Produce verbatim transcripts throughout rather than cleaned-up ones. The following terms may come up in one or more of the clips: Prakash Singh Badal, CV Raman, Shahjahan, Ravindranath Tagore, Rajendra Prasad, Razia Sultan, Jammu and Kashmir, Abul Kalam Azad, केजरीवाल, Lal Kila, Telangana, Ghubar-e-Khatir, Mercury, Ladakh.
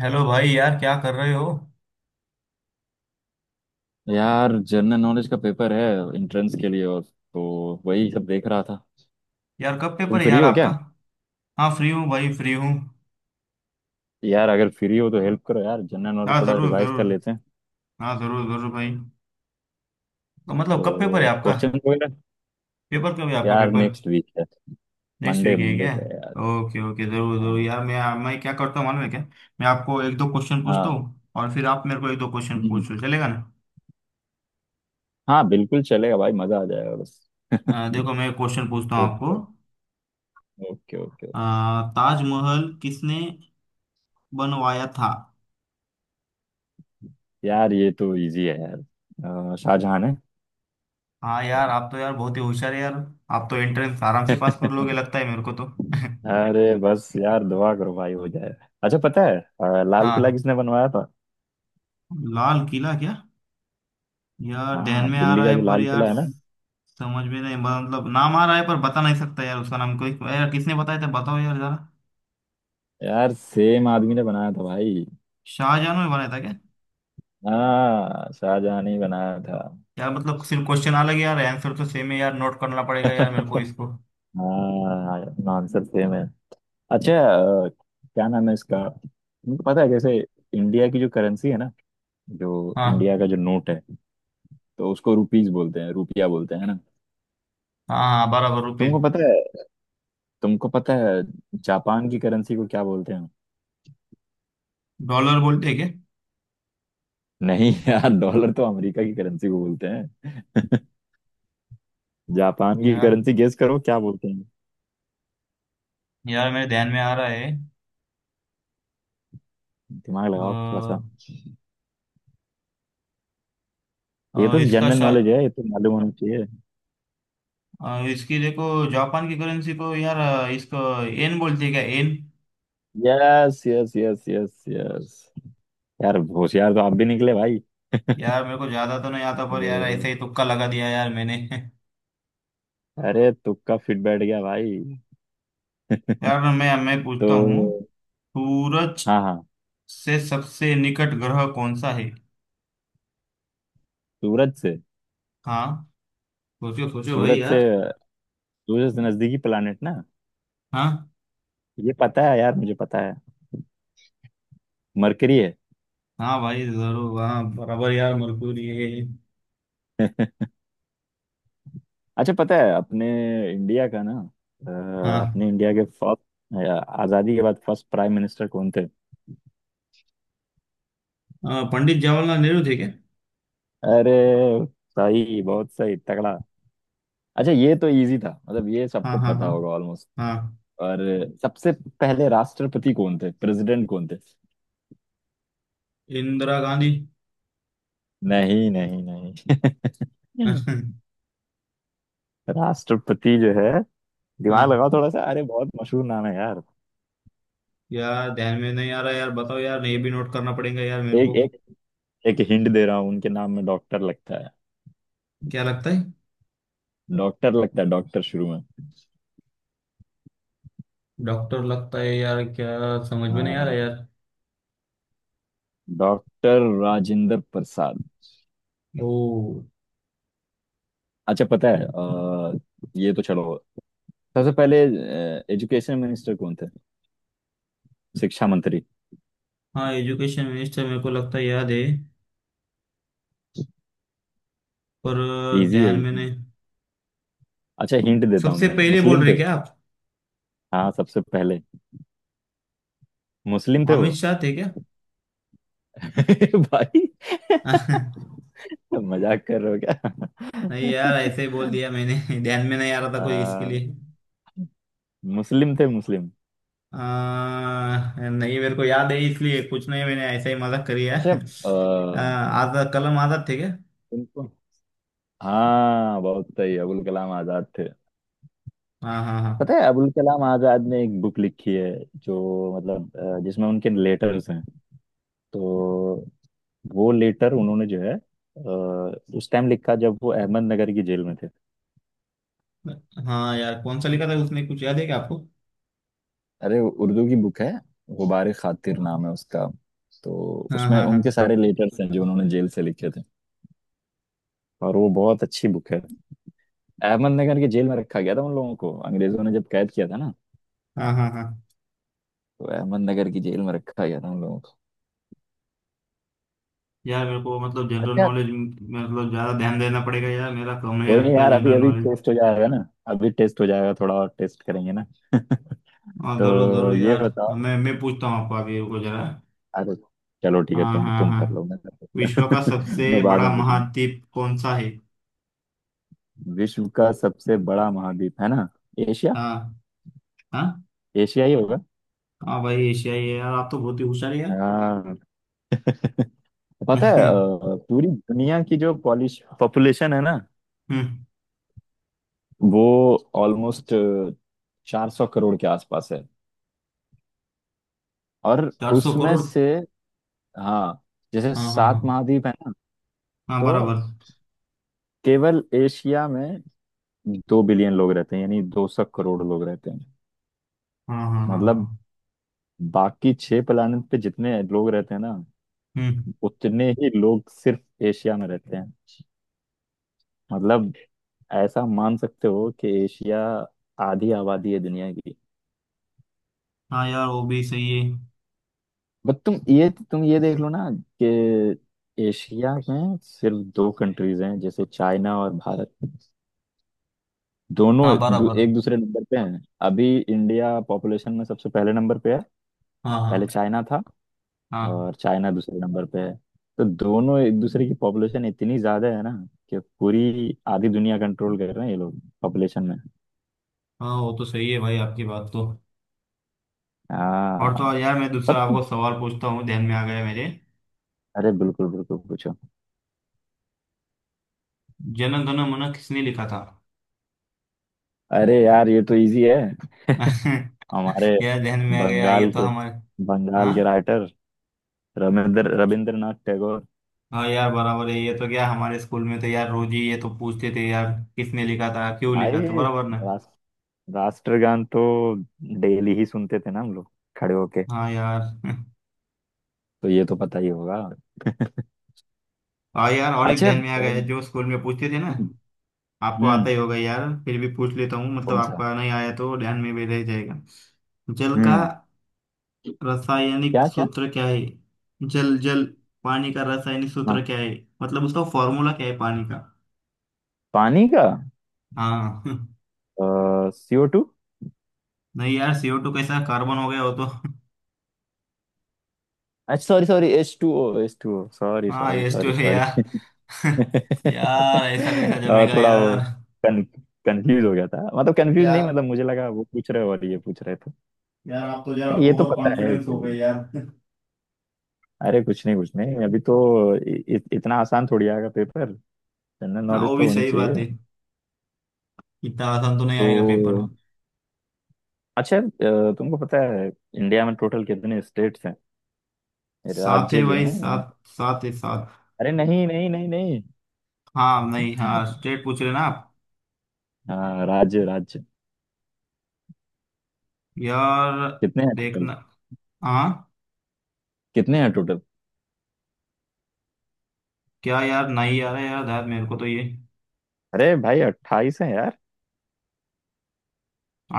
Hello भाई, यार क्या कर रहे हो। यार जनरल नॉलेज का पेपर है एंट्रेंस के लिए और तो वही सब देख रहा था। यार कब तुम पेपर है फ्री यार हो आपका। क्या? हाँ, फ्री हूँ भाई, फ्री हूँ। यार अगर फ्री हो तो हेल्प करो यार, जनरल नॉलेज हाँ थोड़ा जरूर रिवाइज कर जरूर। लेते हैं। हाँ जरूर जरूर भाई। तो मतलब कब पेपर है तो आपका? क्वेश्चन वगैरह। पेपर कब है आपका यार पेपर? नेक्स्ट वीक है। नेक्स्ट मंडे, वीक है मंडे क्या? को है यार। ओके ओके, जरूर जरूर हाँ। यार। मैं मैं क्या करता हूँ मालूम है क्या? मैं आपको एक दो क्वेश्चन पूछता हाँ। हूँ, और फिर आप मेरे को एक दो क्वेश्चन हम्म, पूछो, चलेगा ना। हाँ बिल्कुल चलेगा भाई, मजा आ जाएगा बस। अ, देखो मैं क्वेश्चन पूछता हूँ आपको। Okay okay. अ, ताजमहल किसने बनवाया था? यार ये तो इजी है यार। अ, शाहजहां है। हाँ यार, आप तो यार बहुत ही होशियार है यार। आप तो एंट्रेंस आराम से पास कर लोगे लगता है मेरे को तो। अरे बस यार दुआ करो भाई हो जाए। अच्छा पता है, अ, लाल किला हाँ। किसने बनवाया था? लाल किला क्या? यार ध्यान हाँ, में आ दिल्ली रहा का है जो पर लाल किला यार। है ना। समझ में नहीं, मतलब नाम आ रहा है पर बता नहीं सकता यार उसका नाम। कोई यार किसने बताया था, बताओ यार जरा। यार सेम आदमी ने बनाया था भाई। शाहजहां ने बनाया था क्या? हाँ शाहजहां ने ही बनाया था। यार मतलब सिर्फ क्वेश्चन अलग है यार, आंसर तो सेम है यार, नोट करना पड़ेगा यार मेरे को इसको। हाँ आंसर सेम है। अच्छा। अ, क्या नाम है इसका, तुमको पता है कैसे? इंडिया की जो करेंसी है ना, जो हाँ इंडिया का जो नोट है, तो उसको रुपीज बोलते हैं, रुपया बोलते हैं है ना। हाँ हाँ, बराबर, तुमको रुपीज। पता है तुमको पता है जापान की करेंसी को क्या बोलते हैं? डॉलर बोलते हैं क्या? नहीं यार, डॉलर तो अमेरिका की करेंसी को बोलते हैं। जापान की यार करेंसी गेस करो क्या बोलते हैं। यार मेरे ध्यान में आ रहा है। दिमाग लगाओ थोड़ा सा। अ, ये अ, तो इसका जनरल शा, नॉलेज है, ये तो मालूम होना चाहिए। अ, इसकी देखो जापान की करेंसी को यार। अ, इसको एन बोलते हैं क्या, yen? Yes yes yes yes yes. यार होशियार तो आप भी निकले भाई। यार मेरे को ज्यादा तो नहीं आता पर यार, ऐसे तो, ही तुक्का लगा दिया यार मैंने। अरे तुक्का फिट बैठ गया भाई। यार मैं मैं पूछता हूँ। तो सूरज हाँ हाँ। से सबसे निकट ग्रह कौन सा है? सूरज से हाँ। सोचो सोचो भाई सूरज से यार। सूरज से नजदीकी प्लानिट ना। हाँ ये पता है यार, मुझे पता है। मरकरी है। हाँ भाई जरूर, हाँ बराबर यार, मरकुरी है। अच्छा पता है अपने इंडिया का ना, अ, हाँ, अपने इंडिया के फर्स्ट, आजादी के बाद फर्स्ट प्राइम मिनिस्टर कौन थे? अ, पंडित जवाहरलाल नेहरू थे क्या? अरे सही, बहुत सही, तगड़ा। अच्छा ये तो इजी था, मतलब ये हाँ सबको हाँ पता हाँ होगा ऑलमोस्ट। हाँ। और सबसे पहले राष्ट्रपति कौन थे, प्रेसिडेंट कौन थे? इंदिरा गांधी। नहीं नहीं नहीं। राष्ट्रपति जो है, दिमाग हाँ लगाओ थोड़ा सा, अरे बहुत मशहूर नाम है यार। यार ध्यान में नहीं आ रहा यार, बताओ यार, ये भी नोट करना पड़ेगा यार मेरे एक को। एक एक हिंट दे रहा हूँ, उनके नाम में डॉक्टर लगता है। क्या लगता है? डॉक्टर लगता है, डॉक्टर शुरू में। डॉक्टर लगता है यार क्या? समझ में नहीं आ रहा हाँ, यार। डॉक्टर राजेंद्र प्रसाद। ओ। अच्छा पता है, अ, ये तो छोड़ो। सबसे पहले एजुकेशन मिनिस्टर कौन थे, शिक्षा मंत्री? हाँ, एजुकेशन मिनिस्टर मेरे को लगता है याद है। पर अ, इजी है, ध्यान में इजी। नहीं। अच्छा हिंट देता हूँ सबसे मैं, पहले बोल मुस्लिम रहे थे। क्या आप? हाँ सबसे पहले मुस्लिम थे अमित वो। शाह थे क्या? भाई मजाक कर रहे हो नहीं यार, ऐसे ही बोल क्या? दिया मैंने। ध्यान में नहीं आ रहा था कुछ इसके आ, लिए। मुस्लिम थे, मुस्लिम। अ, नहीं, मेरे को याद है, इसलिए कुछ नहीं मैंने ऐसा ही मजाक करी है। अच्छा आ, अ, आजाद, कलम आजाद थे क्या? तुमको, हाँ बहुत सही, अबुल कलाम आजाद थे। हाँ हाँ हाँ पता है अबुल कलाम आजाद ने एक बुक लिखी है, जो मतलब अ, जिसमें उनके लेटर्स हैं। तो वो लेटर उन्होंने जो है, अ, उस टाइम लिखा जब वो अहमदनगर की जेल में थे। हाँ। यार कौन सा लिखा था उसने, कुछ याद है क्या आपको? अरे उर्दू की बुक है। गुबार खातिर नाम है उसका। तो हाँ उसमें हाँ उनके हाँ सारे लेटर्स हैं जो उन्होंने जेल से लिखे थे। और वो बहुत अच्छी बुक है। अहमदनगर की जेल में रखा गया था उन लोगों को, अंग्रेजों ने जब कैद किया था ना। हाँ हाँ हाँ। तो अहमदनगर की जेल में रखा गया था उन लोगों को। यार मेरे को मतलब जनरल अच्छा। नॉलेज मतलब ज्यादा ध्यान देना पड़ेगा यार, मेरा कम है कोई नहीं लगता है यार, अभी जनरल अभी नॉलेज। टेस्ट हो जाएगा ना। अभी टेस्ट हो जाएगा, थोड़ा और टेस्ट करेंगे ना। हाँ जरूर तो जरूर ये यार, बताओ। मैं मैं पूछता हूँ आपको, अभी रुको जरा। अरे चलो ठीक है, हाँ तुम हाँ तुम कर लो, हाँ। मैं। विश्व का सबसे मैं बाद बड़ा में पूछूंगा। महाद्वीप कौन सा है? विश्व का सबसे बड़ा महाद्वीप है ना? एशिया। हाँ हाँ। एशिया ही होगा। हाँ भाई, एशिया ही है यार, आप तो बहुत ही होशियार है यार। हाँ। पता है, अ, पूरी दुनिया की जो पॉलिश पॉपुलेशन है ना, हम्म। वो ऑलमोस्ट चार सौ करोड़ के आसपास है। और चार सौ उसमें करोड़। से, हाँ, जैसे हाँ हाँ सात हाँ महाद्वीप है ना, हाँ तो बराबर। केवल एशिया में दो बिलियन लोग रहते हैं, यानी दो सौ करोड़ लोग रहते हैं। हाँ हाँ हाँ मतलब हाँ। बाकी छह प्लेनेट पे जितने लोग रहते हैं ना, हम्म। उतने ही लोग सिर्फ एशिया में रहते हैं। मतलब ऐसा मान सकते हो कि एशिया आधी आबादी है दुनिया। हाँ यार वो भी सही है। बट तुम ये तुम ये देख लो ना कि एशिया में सिर्फ दो कंट्रीज हैं, जैसे चाइना और भारत। दोनों हाँ दू, बराबर। एक दूसरे नंबर पे हैं। अभी इंडिया पॉपुलेशन में सबसे पहले नंबर पे है, हाँ पहले हाँ चाइना था, हाँ और चाइना दूसरे नंबर पे है। तो दोनों एक दूसरे की पॉपुलेशन इतनी ज्यादा है ना, कि पूरी आधी दुनिया कंट्रोल कर रहे हैं ये लोग पॉपुलेशन में। हाँ। वो तो सही है भाई, आपकी बात तो। और तो हाँ और यार, मैं दूसरा पता नहीं। आपको सवाल पूछता हूँ, ध्यान में आ गया मेरे। अरे बिल्कुल बिल्कुल पूछो। जन गण मन किसने लिखा था? अरे यार ये तो इजी है। हमारे क्या, ध्यान में आ गया, ये बंगाल तो के हमारे। बंगाल के हाँ राइटर रविंद्र रविंद्रनाथ टैगोर। हाँ। यार बराबर है, ये तो क्या हमारे स्कूल में तो यार रोज ही ये तो पूछते थे यार। किसने लिखा था, क्यों भाई लिखा था, बराबर ना। रास, राष्ट्रगान तो डेली ही सुनते थे ना हम लोग, खड़े होके। हाँ यार। तो ये तो पता ही होगा। हाँ यार, और एक अच्छा। ध्यान में आ गया हम्म जो स्कूल में पूछते थे ना। आपको हम्म, आता ही होगा यार, फिर भी पूछ लेता हूँ, मतलब कौन सा? आपका नहीं आया तो ध्यान में भी रह जाएगा। जल का हम्म रासायनिक क्या क्या? सूत्र क्या है? जल जल पानी का रासायनिक सूत्र हाँ, क्या है? मतलब उसका फॉर्मूला क्या है पानी का? पानी का हाँ। CO two. नहीं यार, सी ओ टू कैसा, कार्बन हो गया हो तो। अच्छा sorry sorry, H two O, H two O, sorry हाँ, सॉरी यस सॉरी तो है सॉरी। यार। यार ऐसा कैसा और जमेगा थोड़ा वो यार। कन, कंफ्यूज हो गया था, मतलब कंफ्यूज नहीं, यार मतलब मुझे लगा वो पूछ रहे हो और ये पूछ रहे थे। यार, आप तो जरा ये तो ओवर पता है। कॉन्फिडेंस हो गए यार। अरे कुछ नहीं कुछ नहीं, अभी तो इ, इ, इतना आसान थोड़ी आएगा पेपर। जनरल हाँ नॉलेज वो तो भी होनी सही चाहिए। बात है। इतना आसान तो नहीं आएगा पेपर। तो अच्छा, अ, तुमको पता है इंडिया में टोटल कितने स्टेट्स हैं, सात राज्य है जो भाई, हैं? सात सात है, सात। अरे नहीं नहीं नहीं नहीं। हाँ, नहीं, हाँ, स्ट्रेट पूछ रहे ना आप? हाँ, राज्य राज्य, यार कितने हैं टोटल? देखना। हाँ। कितने हैं टोटल? क्या यार नहीं आ रहा यार, यार मेरे को तो ये। अरे भाई अट्ठाईस है यार।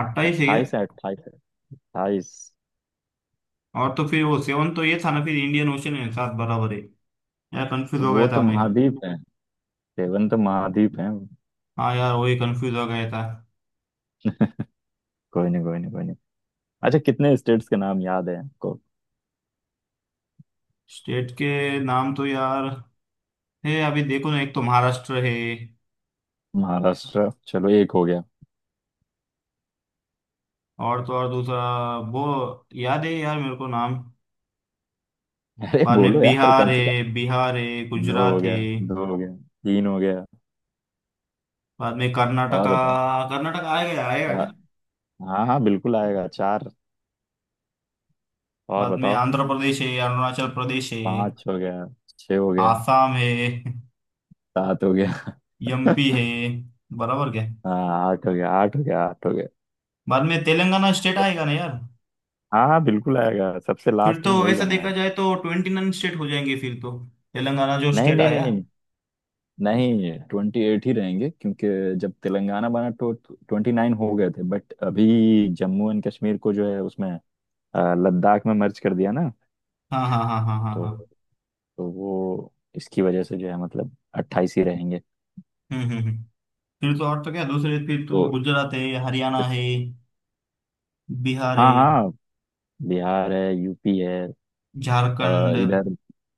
अट्ठाईस है क्या? अट्ठाईस है, अट्ठाईस है, अट्ठाईस। और तो फिर वो सेवन तो ये था ना, फिर इंडियन ओशन है, सात बराबर है। यार कंफ्यूज हो गया वो तो था मैं। महाद्वीप है, सेवन तो महाद्वीप है। हाँ यार वही कंफ्यूज हो गया था। कोई नहीं कोई नहीं कोई नहीं। अच्छा कितने स्टेट्स के नाम याद है आपको? स्टेट के नाम तो यार है, अभी देखो ना, एक तो महाराष्ट्र है। महाराष्ट्र, चलो एक हो गया। और तो और दूसरा वो, याद है यार मेरे को नाम। अरे बाद में बोलो यार बिहार कम से कम। है, बिहार है, दो हो गुजरात है। गया, दो हो गया, तीन हो गया। बाद में और कर्नाटका। बताओ। कर्नाटका आएगा, आएगा क्या? चार। हाँ हाँ बिल्कुल आएगा, चार। और बाद में बताओ। आंध्र प्रदेश है, अरुणाचल प्रदेश है। पांच हो गया, छह हो गया, आसाम है। सात हो गया। एमपी है। बराबर क्या? हाँ आठ हो गया, आठ हो गया, आठ हो गया। बाद में तेलंगाना स्टेट आएगा ना यार। हाँ हाँ बिल्कुल आएगा, सबसे फिर लास्ट तो में वही वैसा बना देखा है। जाए तो ट्वेंटी नाइन स्टेट हो जाएंगे फिर तो। तेलंगाना जो नहीं स्टेट नहीं नहीं आया। नहीं। नहीं, ट्वेंटी एट ही रहेंगे, क्योंकि जब तेलंगाना बना तो ट्वेंटी नाइन हो गए थे, बट अभी जम्मू एंड कश्मीर को जो है उसमें अ, लद्दाख में मर्ज कर दिया ना। हाँ हाँ हाँ हाँ हाँ तो हाँ। तो वो इसकी वजह से जो है, मतलब अट्ठाईस ही रहेंगे। हम्म हम्म हम्म। फिर तो, और तो क्या दूसरे, फिर तो तो गुजरात है, हरियाणा इस- है। बिहार हाँ है। हाँ, बिहार है, यूपी है। अ, झारखंड। इधर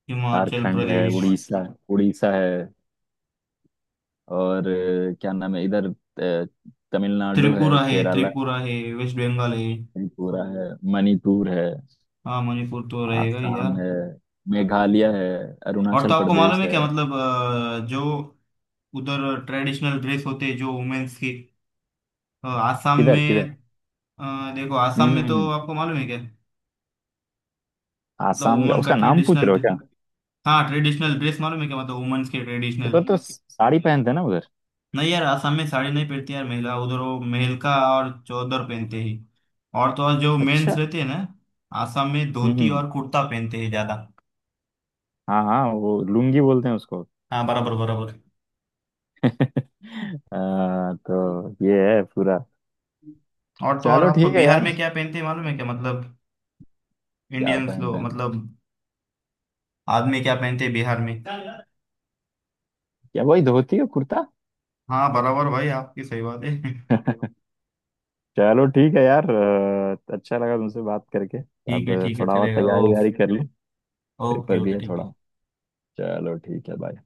हिमाचल झारखंड है, प्रदेश। उड़ीसा, उड़ीसा है। और अ, क्या नाम है इधर? अ, तमिलनाडु है, त्रिपुरा है, केरला है, त्रिपुरा है। वेस्ट बंगाल है। त्रिपुरा है, मणिपुर है, हाँ, मणिपुर तो रहेगा ही यार। आसाम है, मेघालय है, और तो अरुणाचल आपको प्रदेश मालूम है है। क्या, मतलब अ, जो उधर ट्रेडिशनल ड्रेस होते हैं जो वुमेन्स की। अ, आसाम किधर में। किधर? अ, देखो आसाम हम्म में हम्म तो हम्म। आपको मालूम है क्या, मतलब आसाम का वुमन का उसका नाम पूछ ट्रेडिशनल। रहे हो क्या? हाँ, ट्रेडिशनल ड्रेस मालूम है क्या, मतलब वुमेन्स के ट्रेडिशनल। उधर तो साड़ी पहनते हैं ना उधर। नहीं यार, असम में साड़ी नहीं पहनती यार महिला, उधर वो मेहलका और चौदर पहनते हैं। और तो और जो अच्छा। मेंस रहते हैं ना, असम में हम्म धोती हम्म। और कुर्ता पहनते हैं ज्यादा। हाँ हाँ, वो लुंगी बोलते हैं उसको। हाँ बराबर बराबर। आ, तो ये है पूरा। और तो और चलो आपको ठीक है बिहार यार। में क्या पहनते हैं मालूम है क्या, मतलब क्या इंडियंस पहनते लोग, हैं? मतलब आदमी क्या पहनते हैं बिहार में? क्या वही धोती और कुर्ता? हाँ बराबर भाई, आपकी सही बात है। चलो ठीक है यार, आ, अच्छा लगा तुमसे बात करके। ठीक अब है ठीक है, थोड़ा और चलेगा तैयारी ओ। वैयारी कर ली, पेपर ओके भी ओके, है ठीक है। थोड़ा। चलो ठीक है, बाय।